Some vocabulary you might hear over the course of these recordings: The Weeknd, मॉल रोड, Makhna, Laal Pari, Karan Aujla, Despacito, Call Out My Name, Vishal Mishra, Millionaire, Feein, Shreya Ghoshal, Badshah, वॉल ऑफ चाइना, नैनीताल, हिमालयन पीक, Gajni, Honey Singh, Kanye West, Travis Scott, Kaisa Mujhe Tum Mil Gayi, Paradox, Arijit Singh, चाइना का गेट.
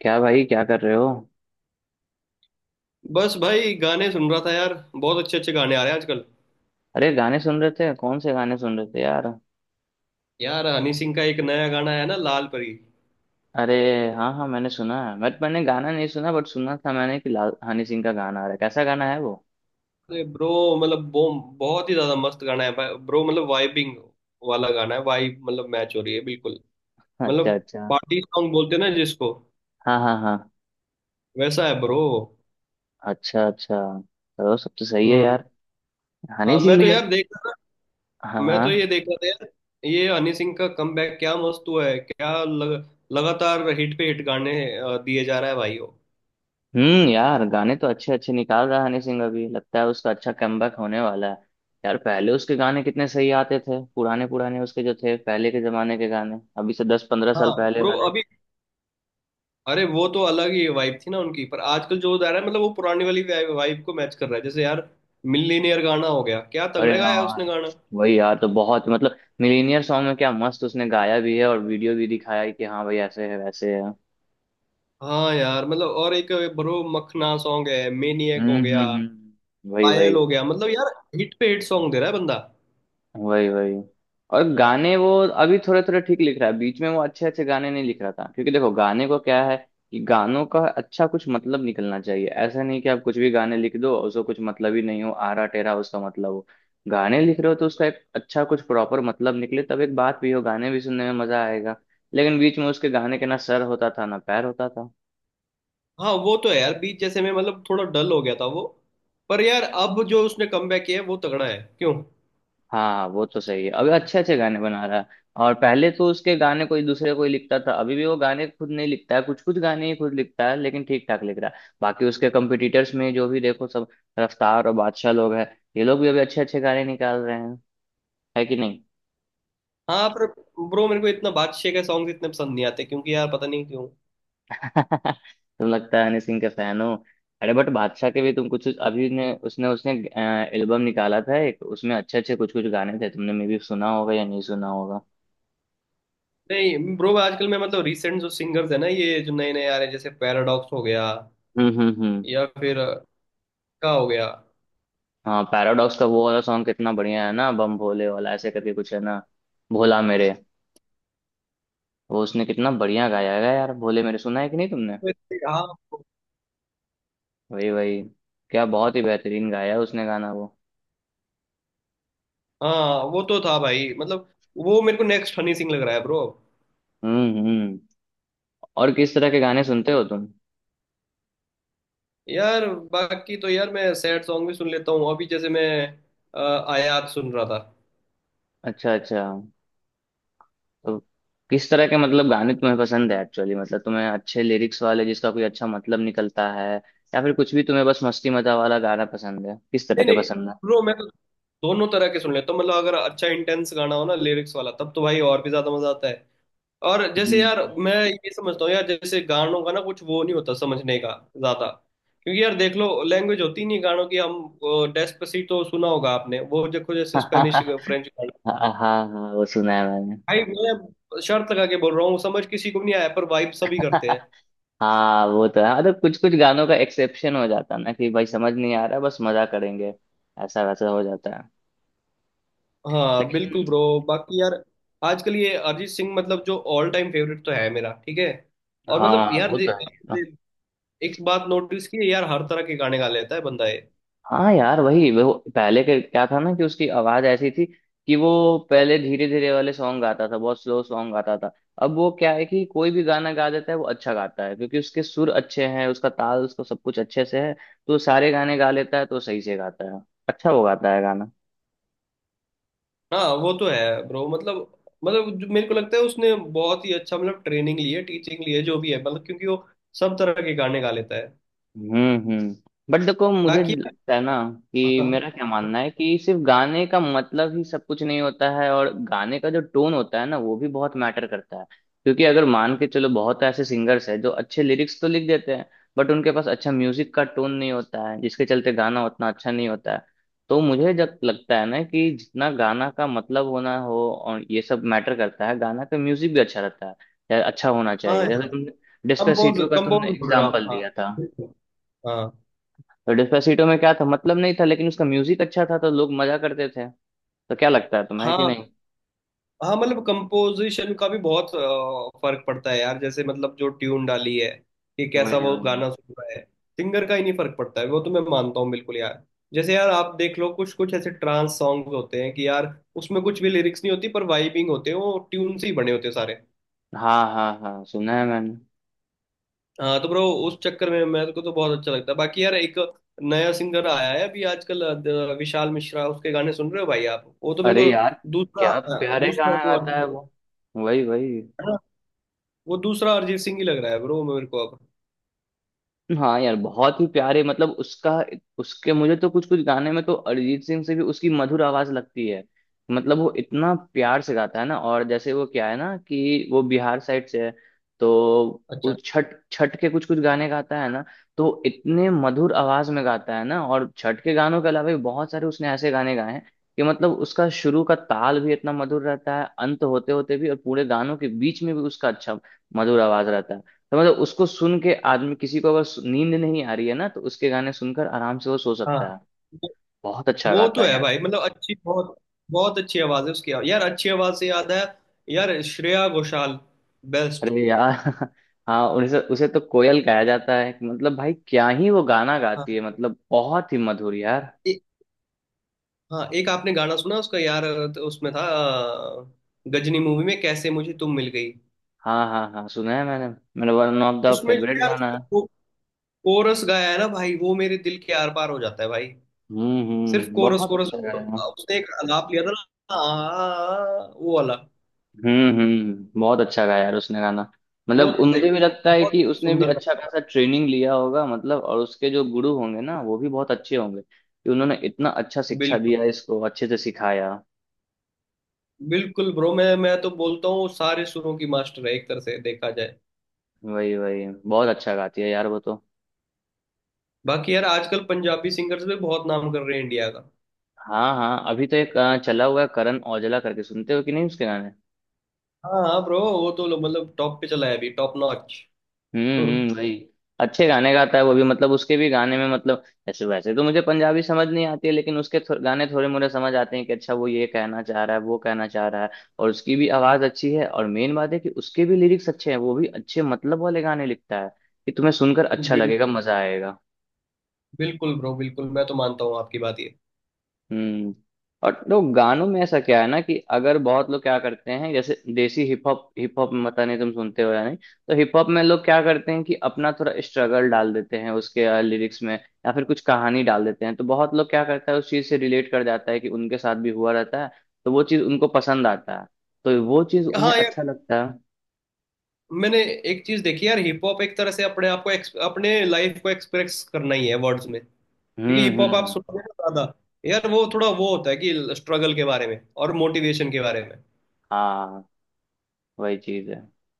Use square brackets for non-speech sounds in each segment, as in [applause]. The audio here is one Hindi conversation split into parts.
क्या भाई, क्या कर रहे हो? बस भाई, गाने सुन रहा था यार। बहुत अच्छे अच्छे गाने आ रहे हैं आजकल। अरे, गाने सुन रहे थे? कौन से गाने सुन रहे थे यार? यार, हनी सिंह का एक नया गाना आया ना, लाल परी। अरे हाँ हाँ, मैंने सुना है। मैंने गाना नहीं सुना, बट सुना था मैंने कि लाल हनी सिंह का गाना आ रहा है। कैसा गाना है वो? अरे ब्रो, मतलब बो बहुत ही ज्यादा मस्त गाना है भाई ब्रो। मतलब वाइबिंग वाला गाना है। वाइब मतलब मैच हो रही है बिल्कुल। [laughs] मतलब अच्छा अच्छा। पार्टी सॉन्ग बोलते हैं ना जिसको, हाँ हाँ हाँ। वैसा है ब्रो। अच्छा अच्छा। चलो, सब तो सही है हम्म। यार। हाँ, हनी मैं सिंह तो भी यार। यार देख रहा हाँ था। मैं तो ये हाँ। देख रहा था यार, ये हनी सिंह का कमबैक क्या मस्त हुआ है, क्या लगातार हिट पे हिट गाने दिए जा रहा है भाई वो। यार, गाने तो अच्छे अच्छे निकाल रहा है हनी सिंह। अभी लगता है उसका अच्छा कमबैक होने वाला है। यार, पहले उसके गाने कितने सही आते थे। पुराने पुराने उसके जो थे, पहले के जमाने के गाने, अभी से दस पंद्रह साल हाँ पहले ब्रो वाले। अभी। अरे वो तो अलग ही वाइब थी ना उनकी, पर आजकल जो जा रहा है मतलब वो पुरानी वाली वाइब को मैच कर रहा है जैसे यार। मिलीनियर गाना हो गया, क्या अरे तगड़े गाया उसने हाँ। गाना। वही यार, तो बहुत मतलब मिलीनियर सॉन्ग में क्या मस्त उसने गाया भी है, और वीडियो भी दिखाया है कि हाँ भाई, ऐसे है वैसे है। हाँ यार मतलब, और एक ब्रो मखना सॉन्ग है, मेनियक हो गया, वही पायल वही। हो गया, मतलब यार हिट पे हिट सॉन्ग दे रहा है बंदा। वही वही। और गाने वो अभी थोड़े थोड़े ठीक लिख रहा है। बीच में वो अच्छे अच्छे गाने नहीं लिख रहा था, क्योंकि देखो, गाने को क्या है कि गानों का अच्छा कुछ मतलब निकलना चाहिए। ऐसा नहीं कि आप कुछ भी गाने लिख दो, उसको कुछ मतलब ही नहीं हो आरा टेरा, उसका मतलब हो। गाने लिख रहे हो तो उसका एक अच्छा कुछ प्रॉपर मतलब निकले, तब एक बात भी हो, गाने भी सुनने में मजा आएगा। लेकिन बीच में उसके गाने के ना सर होता था ना पैर होता था। हाँ वो तो है यार, बीच जैसे में मतलब थोड़ा डल हो गया था वो, पर यार अब जो उसने कमबैक किया है वो तगड़ा है क्यों। हाँ, वो तो सही है, अभी अच्छे अच्छे गाने बना रहा है। और पहले तो उसके गाने कोई दूसरे कोई लिखता था, अभी भी वो गाने खुद नहीं लिखता है, कुछ कुछ गाने ही खुद लिखता है, लेकिन ठीक ठाक लिख रहा है। बाकी उसके कंपटीटर्स में जो भी देखो, सब रफ्तार और बादशाह लोग हैं। ये लोग भी अभी अच्छे अच्छे गाने निकाल रहे हैं। है कि नहीं? हाँ पर ब्रो, मेरे को इतना बादशाह के सॉन्ग इतने पसंद नहीं आते क्योंकि यार पता नहीं क्यों। [laughs] तुम, लगता है हनी सिंह के फैन हो। अरे बट बादशाह के भी, तुम कुछ कुछ- अभी ने उसने उसने एल्बम निकाला था एक, उसमें अच्छे अच्छे कुछ कुछ गाने थे। तुमने मे भी सुना होगा या नहीं सुना होगा? नहीं ब्रो, आजकल मैं मतलब रिसेंट जो सिंगर्स है ना, ये जो नए नए आ रहे हैं, जैसे पैराडॉक्स हो गया, हम्म हम्म हम्म या फिर का हो गया। हाँ, पैराडॉक्स का वो वाला सॉन्ग कितना बढ़िया है ना, बम भोले वाला, ऐसे करके कुछ है ना, भोला मेरे। वो उसने कितना बढ़िया गाया है यार, भोले मेरे। सुना है कि नहीं तुमने? वैसे हाँ। वही वही। क्या बहुत ही बेहतरीन गाया है उसने गाना वो। हाँ वो तो था भाई मतलब, वो मेरे को नेक्स्ट हनी सिंह लग रहा है ब्रो। हम्म हम्म और किस तरह के गाने सुनते हो तुम? यार बाकी तो यार मैं सैड सॉन्ग भी सुन लेता हूँ, अभी जैसे मैं आयात सुन रहा था। अच्छा अच्छा। तो किस तरह के मतलब गाने तुम्हें पसंद है एक्चुअली? मतलब तुम्हें अच्छे लिरिक्स वाले जिसका कोई अच्छा मतलब निकलता है, या फिर कुछ भी तुम्हें बस मस्ती मजा वाला गाना पसंद है? किस तरह नहीं के नहीं पसंद है? ब्रो, मैं तो दोनों तरह के सुन लेता हूँ मतलब, अगर अच्छा इंटेंस गाना हो ना लिरिक्स वाला तब तो भाई और भी ज्यादा मजा आता है। और जैसे यार हम्म हम्म। मैं ये समझता हूँ यार, जैसे गानों का ना कुछ वो नहीं होता समझने का ज्यादा, क्योंकि यार देख लो, लैंग्वेज होती नहीं गानों की। हम डेस्पेसितो सुना होगा आपने, वो देखो जैसे स्पेनिश [laughs] फ्रेंच गाना। हाँ हाँ हाँ, वो सुना है मैंने। भाई मैं शर्त लगा के बोल रहा हूँ, समझ किसी को भी नहीं आया पर वाइब सभी करते [laughs] हैं। हाँ, वो तो है। मतलब कुछ कुछ गानों का एक्सेप्शन हो जाता है ना, कि भाई समझ नहीं आ रहा, बस मजा करेंगे। ऐसा वैसा हो जाता है। हाँ बिल्कुल लेकिन ब्रो। बाकी यार, आजकल ये अरिजीत सिंह मतलब जो ऑल टाइम फेवरेट तो है मेरा, ठीक है। और मतलब हाँ, यार वो दे, तो है। दे, एक बात नोटिस की है, यार हर तरह के गाने गा लेता है बंदा। हाँ यार, वही। वो पहले के क्या था ना कि उसकी आवाज ऐसी थी कि वो पहले धीरे धीरे वाले सॉन्ग गाता था, बहुत स्लो सॉन्ग गाता था। अब वो क्या है कि कोई भी गाना गा देता है, वो अच्छा गाता है, क्योंकि उसके सुर अच्छे हैं, उसका ताल, उसका सब कुछ अच्छे से है। तो सारे गाने गा लेता है, तो सही से गाता है। अच्छा वो गाता है गाना। हाँ वो तो है ब्रो मतलब जो मेरे को लगता है उसने बहुत ही अच्छा मतलब ट्रेनिंग ली है, टीचिंग ली है, जो भी है मतलब, क्योंकि वो सब तरह के गाने गा लेता है। हम्म हम्म बट देखो, मुझे बाकी। लगता है ना, कि हाँ मेरा क्या मानना है कि सिर्फ गाने का मतलब ही सब कुछ नहीं होता है, और गाने का जो टोन होता है ना, वो भी बहुत मैटर करता है, क्योंकि अगर मान के चलो, बहुत ऐसे सिंगर्स हैं जो अच्छे लिरिक्स तो लिख देते हैं, बट उनके पास अच्छा म्यूजिक का टोन नहीं होता है, जिसके चलते गाना उतना अच्छा नहीं होता है। तो मुझे जब लगता है ना कि जितना गाना का मतलब होना हो, और ये सब मैटर करता है, गाना का म्यूजिक भी अच्छा रहता है, या अच्छा होना हाँ चाहिए। यार, जैसे तुमने कंपोज डिस्पेसिटो का तुमने कंपोज बोल रहे हो आप? एग्जाम्पल हाँ दिया था। हाँ। तो डिस्पेसिटो में क्या था, मतलब नहीं था, लेकिन उसका म्यूजिक अच्छा था, तो लोग मजा करते थे। तो क्या लगता है तुम्हें कि हाँ। नहीं? हाँ मतलब कंपोजिशन का भी बहुत फर्क पड़ता है यार, जैसे मतलब जो ट्यून डाली है कि कैसा वही वो वही। गाना सुन रहा है। सिंगर का ही नहीं फर्क पड़ता है वो तो, मैं मानता हूँ बिल्कुल यार। जैसे यार आप देख लो, कुछ कुछ ऐसे ट्रांस सॉन्ग होते हैं कि यार उसमें कुछ भी लिरिक्स नहीं होती पर वाइबिंग होते हैं, वो ट्यून से ही बने होते हैं सारे। हाँ हाँ हाँ, सुना है मैंने। हाँ तो ब्रो, उस चक्कर में मेरे को तो बहुत अच्छा लगता है। बाकी यार, एक नया सिंगर आया है अभी आजकल, विशाल मिश्रा, उसके गाने सुन रहे हो भाई आप? वो तो मेरे अरे को यार, दूसरा, क्या अ, प्यारे दूसरा गाना वो गाता है है वो। वही वही। ना, वो दूसरा अरिजीत सिंह ही लग रहा है ब्रो मेरे को अब। हाँ यार, बहुत ही प्यारे। मतलब उसका, उसके मुझे तो कुछ कुछ गाने में तो अरिजीत सिंह से भी उसकी मधुर आवाज लगती है। मतलब वो इतना प्यार से गाता है ना, और जैसे वो क्या है ना कि वो बिहार साइड से है, तो वो अच्छा। छठ, छठ के कुछ कुछ गाने गाता है ना, तो इतने मधुर आवाज में गाता है ना। और छठ के गानों के अलावा भी बहुत सारे उसने ऐसे गाने गाए हैं, कि मतलब उसका शुरू का ताल भी इतना मधुर रहता है, अंत होते होते भी, और पूरे गानों के बीच में भी उसका अच्छा मधुर आवाज रहता है। तो मतलब उसको सुन के आदमी, किसी को अगर नींद नहीं आ रही है ना, तो उसके गाने सुनकर आराम से वो सो हाँ सकता है। वो बहुत अच्छा वो गाता तो है है यार। भाई मतलब, अच्छी बहुत बहुत अच्छी आवाज है उसकी यार। अच्छी आवाज से याद है, यार श्रेया घोषाल बेस्ट। अरे यार। [laughs] हाँ, उसे उसे तो कोयल कहा जाता है। मतलब भाई क्या ही वो गाना हाँ। गाती है, मतलब बहुत ही मधुर यार। ए-। हाँ एक आपने गाना सुना उसका यार, तो उसमें था गजनी मूवी में, कैसे मुझे तुम मिल गई। हाँ हाँ हाँ, सुना है मैंने। मेरा वन ऑफ द उसमें जो फेवरेट यार गाना है। कोरस गाया है ना भाई, वो मेरे दिल के आर पार हो जाता है भाई। सिर्फ कोरस, बहुत कोरस अच्छा गाना है। उसने एक आलाप लिया था ना, वो वाला। बहुत अच्छा गाया यार उसने गाना। वो मतलब तो भाई मुझे भी लगता है बहुत कि उसने भी सुंदर। अच्छा खासा ट्रेनिंग लिया होगा, मतलब। और उसके जो गुरु होंगे ना, वो भी बहुत अच्छे होंगे, कि उन्होंने इतना अच्छा शिक्षा बिल्कुल, दिया, इसको अच्छे से सिखाया। बिल्कुल ब्रो, मैं तो बोलता हूँ सारे सुरों की मास्टर है एक तरह से देखा जाए। वही वही, बहुत अच्छा गाती है यार वो तो। बाकी यार आजकल पंजाबी सिंगर्स भी बहुत नाम कर रहे हैं इंडिया का। हाँ हाँ, अभी तो एक चला हुआ है, करण औजला करके, सुनते हो कि नहीं उसके गाने? हाँ हाँ ब्रो, वो तो मतलब टॉप पे चला है अभी, टॉप नॉच। [laughs] वही। अच्छे गाने गाता है वो भी। मतलब उसके भी गाने में, मतलब ऐसे वैसे तो मुझे पंजाबी समझ नहीं आती है, लेकिन उसके गाने थोड़े मोरे समझ आते हैं कि अच्छा वो ये कहना चाह रहा है, वो कहना चाह रहा है। और उसकी भी आवाज अच्छी है, और मेन बात है कि उसके भी लिरिक्स अच्छे हैं, वो भी अच्छे मतलब वाले गाने लिखता है, कि तुम्हें सुनकर अच्छा बिल, लगेगा, मजा आएगा। बिल्कुल ब्रो बिल्कुल, मैं तो मानता हूँ आपकी बात ये। हम्म और तो गानों में ऐसा क्या है ना, कि अगर बहुत लोग क्या करते हैं, जैसे desi hip hop, hip hop पता नहीं तुम सुनते हो या नहीं, तो हिप हॉप में लोग क्या करते हैं कि अपना थोड़ा स्ट्रगल डाल देते हैं उसके लिरिक्स में, या फिर कुछ कहानी डाल देते हैं, तो बहुत लोग, क्या करता है, उस चीज से रिलेट कर जाता है, कि उनके साथ भी हुआ रहता है, तो वो चीज उनको पसंद आता है, तो वो चीज उन्हें हाँ यार, अच्छा लगता है। मैंने एक चीज देखी यार, हिप हॉप एक तरह से अपने आप को अपने लाइफ को एक्सप्रेस करना ही है वर्ड्स में, क्योंकि हम्म हिप हॉप आप हम्म सुनोगे ना ज्यादा, यार वो थोड़ा वो होता है कि स्ट्रगल के बारे में और मोटिवेशन के बारे में। हाँ, वही चीज है।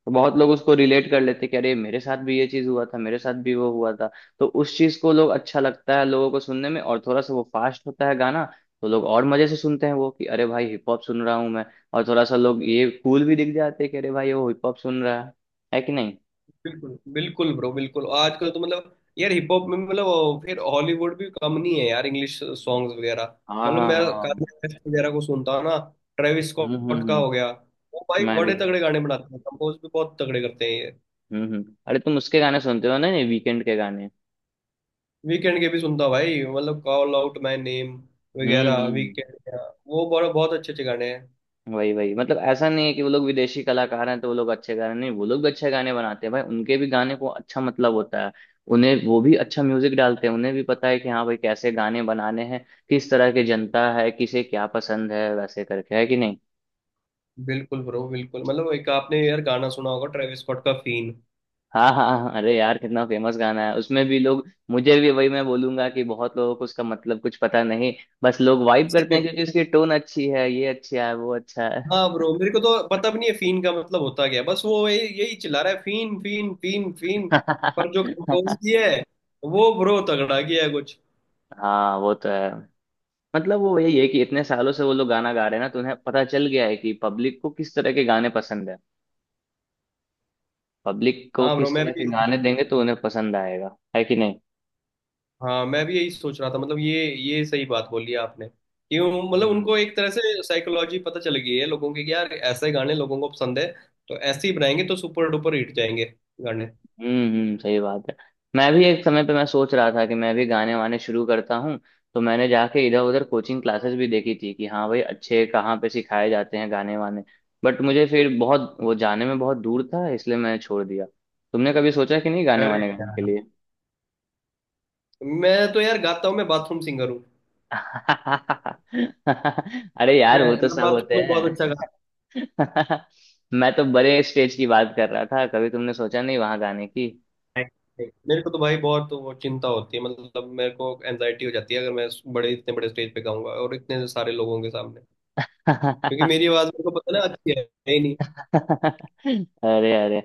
तो बहुत लोग उसको रिलेट कर लेते हैं कि अरे मेरे साथ भी ये चीज हुआ था, मेरे साथ भी वो हुआ था। तो उस चीज को लोग अच्छा लगता है, लोगों को सुनने में। और थोड़ा सा वो फास्ट होता है गाना, तो लोग और मजे से सुनते हैं वो, कि अरे भाई हिप हॉप सुन रहा हूँ मैं। और थोड़ा सा लोग ये कूल भी दिख जाते हैं कि अरे भाई वो हिप हॉप सुन रहा है। है कि नहीं? बिल्कुल बिल्कुल ब्रो बिल्कुल, आजकल तो मतलब यार हिप हॉप में मतलब फिर हॉलीवुड भी कम नहीं है यार, इंग्लिश सॉन्ग्स वगैरह। हाँ मतलब हाँ मैं हाँ। कान्ये वेस्ट वगैरह को सुनता हूँ ना, ट्रेविस हम्म हम्म स्कॉट का हम्म हो गया। वो भाई मैं भी बड़े हूँ। तगड़े गाने बनाते हैं, कंपोज भी बहुत तगड़े करते हैं ये। अरे तुम उसके गाने सुनते हो ना, ये वीकेंड के गाने? वीकेंड के भी सुनता हूँ भाई, मतलब कॉल आउट माय नेम हम्म हम्म वगैरह हम्म। वीकेंड, वो बड़ा बहुत अच्छे अच्छे गाने हैं। वही वही। मतलब ऐसा नहीं है कि वो लोग विदेशी कलाकार हैं तो वो लोग अच्छे गा रहे हैं, नहीं, वो लोग भी अच्छे गाने बनाते हैं भाई, उनके भी गाने को अच्छा मतलब होता है, उन्हें, वो भी अच्छा म्यूजिक डालते हैं, उन्हें भी पता है कि हाँ भाई कैसे गाने बनाने हैं, किस तरह की जनता है, किसे क्या पसंद है, वैसे करके। है कि नहीं? बिल्कुल ब्रो बिल्कुल, मतलब एक आपने यार गाना सुना होगा ट्रेविस स्कॉट का, फीन। हाँ हाँ हाँ, अरे यार कितना फेमस गाना है, उसमें भी लोग, मुझे भी, वही मैं बोलूंगा कि बहुत लोगों को उसका मतलब कुछ पता नहीं, बस लोग वाइब करते हैं क्योंकि उसकी टोन अच्छी है, ये अच्छा है, वो अच्छा है। हाँ ब्रो, मेरे को तो पता भी नहीं है फीन का मतलब होता क्या है। बस वो यही यही चिल्ला रहा है, फीन फीन फीन फीन। पर जो कंपोज [laughs] किया है वो ब्रो तगड़ा किया है कुछ। हाँ, वो तो है। मतलब वो यही है कि इतने सालों से वो लोग गाना गा रहे हैं ना, तो उन्हें पता चल गया है कि पब्लिक को किस तरह के गाने पसंद है, पब्लिक को हाँ ब्रो किस मैं तरह भी के यही सोच गाने रहा। देंगे तो उन्हें पसंद आएगा। है कि नहीं? हाँ मैं भी यही सोच रहा था मतलब, ये सही बात बोली आपने, क्यों मतलब हम्म उनको एक तरह से साइकोलॉजी पता चल गई है लोगों की कि यार ऐसे गाने लोगों को पसंद है, तो ऐसे ही बनाएंगे तो सुपर डुपर हिट जाएंगे गाने। सही बात है। मैं भी एक समय पे, मैं सोच रहा था कि मैं भी गाने वाने शुरू करता हूँ, तो मैंने जाके इधर उधर कोचिंग क्लासेस भी देखी थी कि हाँ भाई अच्छे कहाँ पे सिखाए जाते हैं गाने वाने, बट मुझे फिर बहुत वो, जाने में बहुत दूर था इसलिए मैंने छोड़ दिया। तुमने कभी सोचा कि नहीं गाने अरे वाने गाने के यार, लिए? मैं तो यार गाता हूँ, मैं बाथरूम सिंगर हूँ। [laughs] अरे यार, मैं वो तो मैं सब होते बाथरूम में बहुत अच्छा। हैं। [laughs] मैं तो बड़े स्टेज की बात कर रहा था, कभी तुमने सोचा नहीं वहां जाने की? मेरे को तो भाई बहुत वो चिंता होती है, मतलब मेरे को एनजाइटी हो जाती है अगर मैं बड़े, इतने बड़े स्टेज पे गाऊंगा और इतने सारे लोगों के सामने, क्योंकि [laughs] मेरी आवाज मेरे को पता ना अच्छी है ही नहीं। अरे अरे,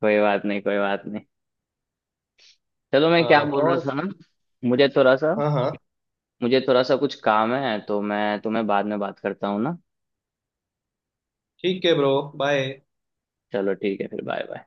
कोई बात नहीं, कोई बात नहीं। चलो, मैं हाँ। क्या बोल रहा और। था ना, मुझे थोड़ा सा हाँ हाँ। मुझे थोड़ा सा कुछ काम है, तो मैं तुम्हें बाद में बात करता हूँ ना। ठीक है ब्रो, बाय। चलो ठीक है, फिर बाय बाय।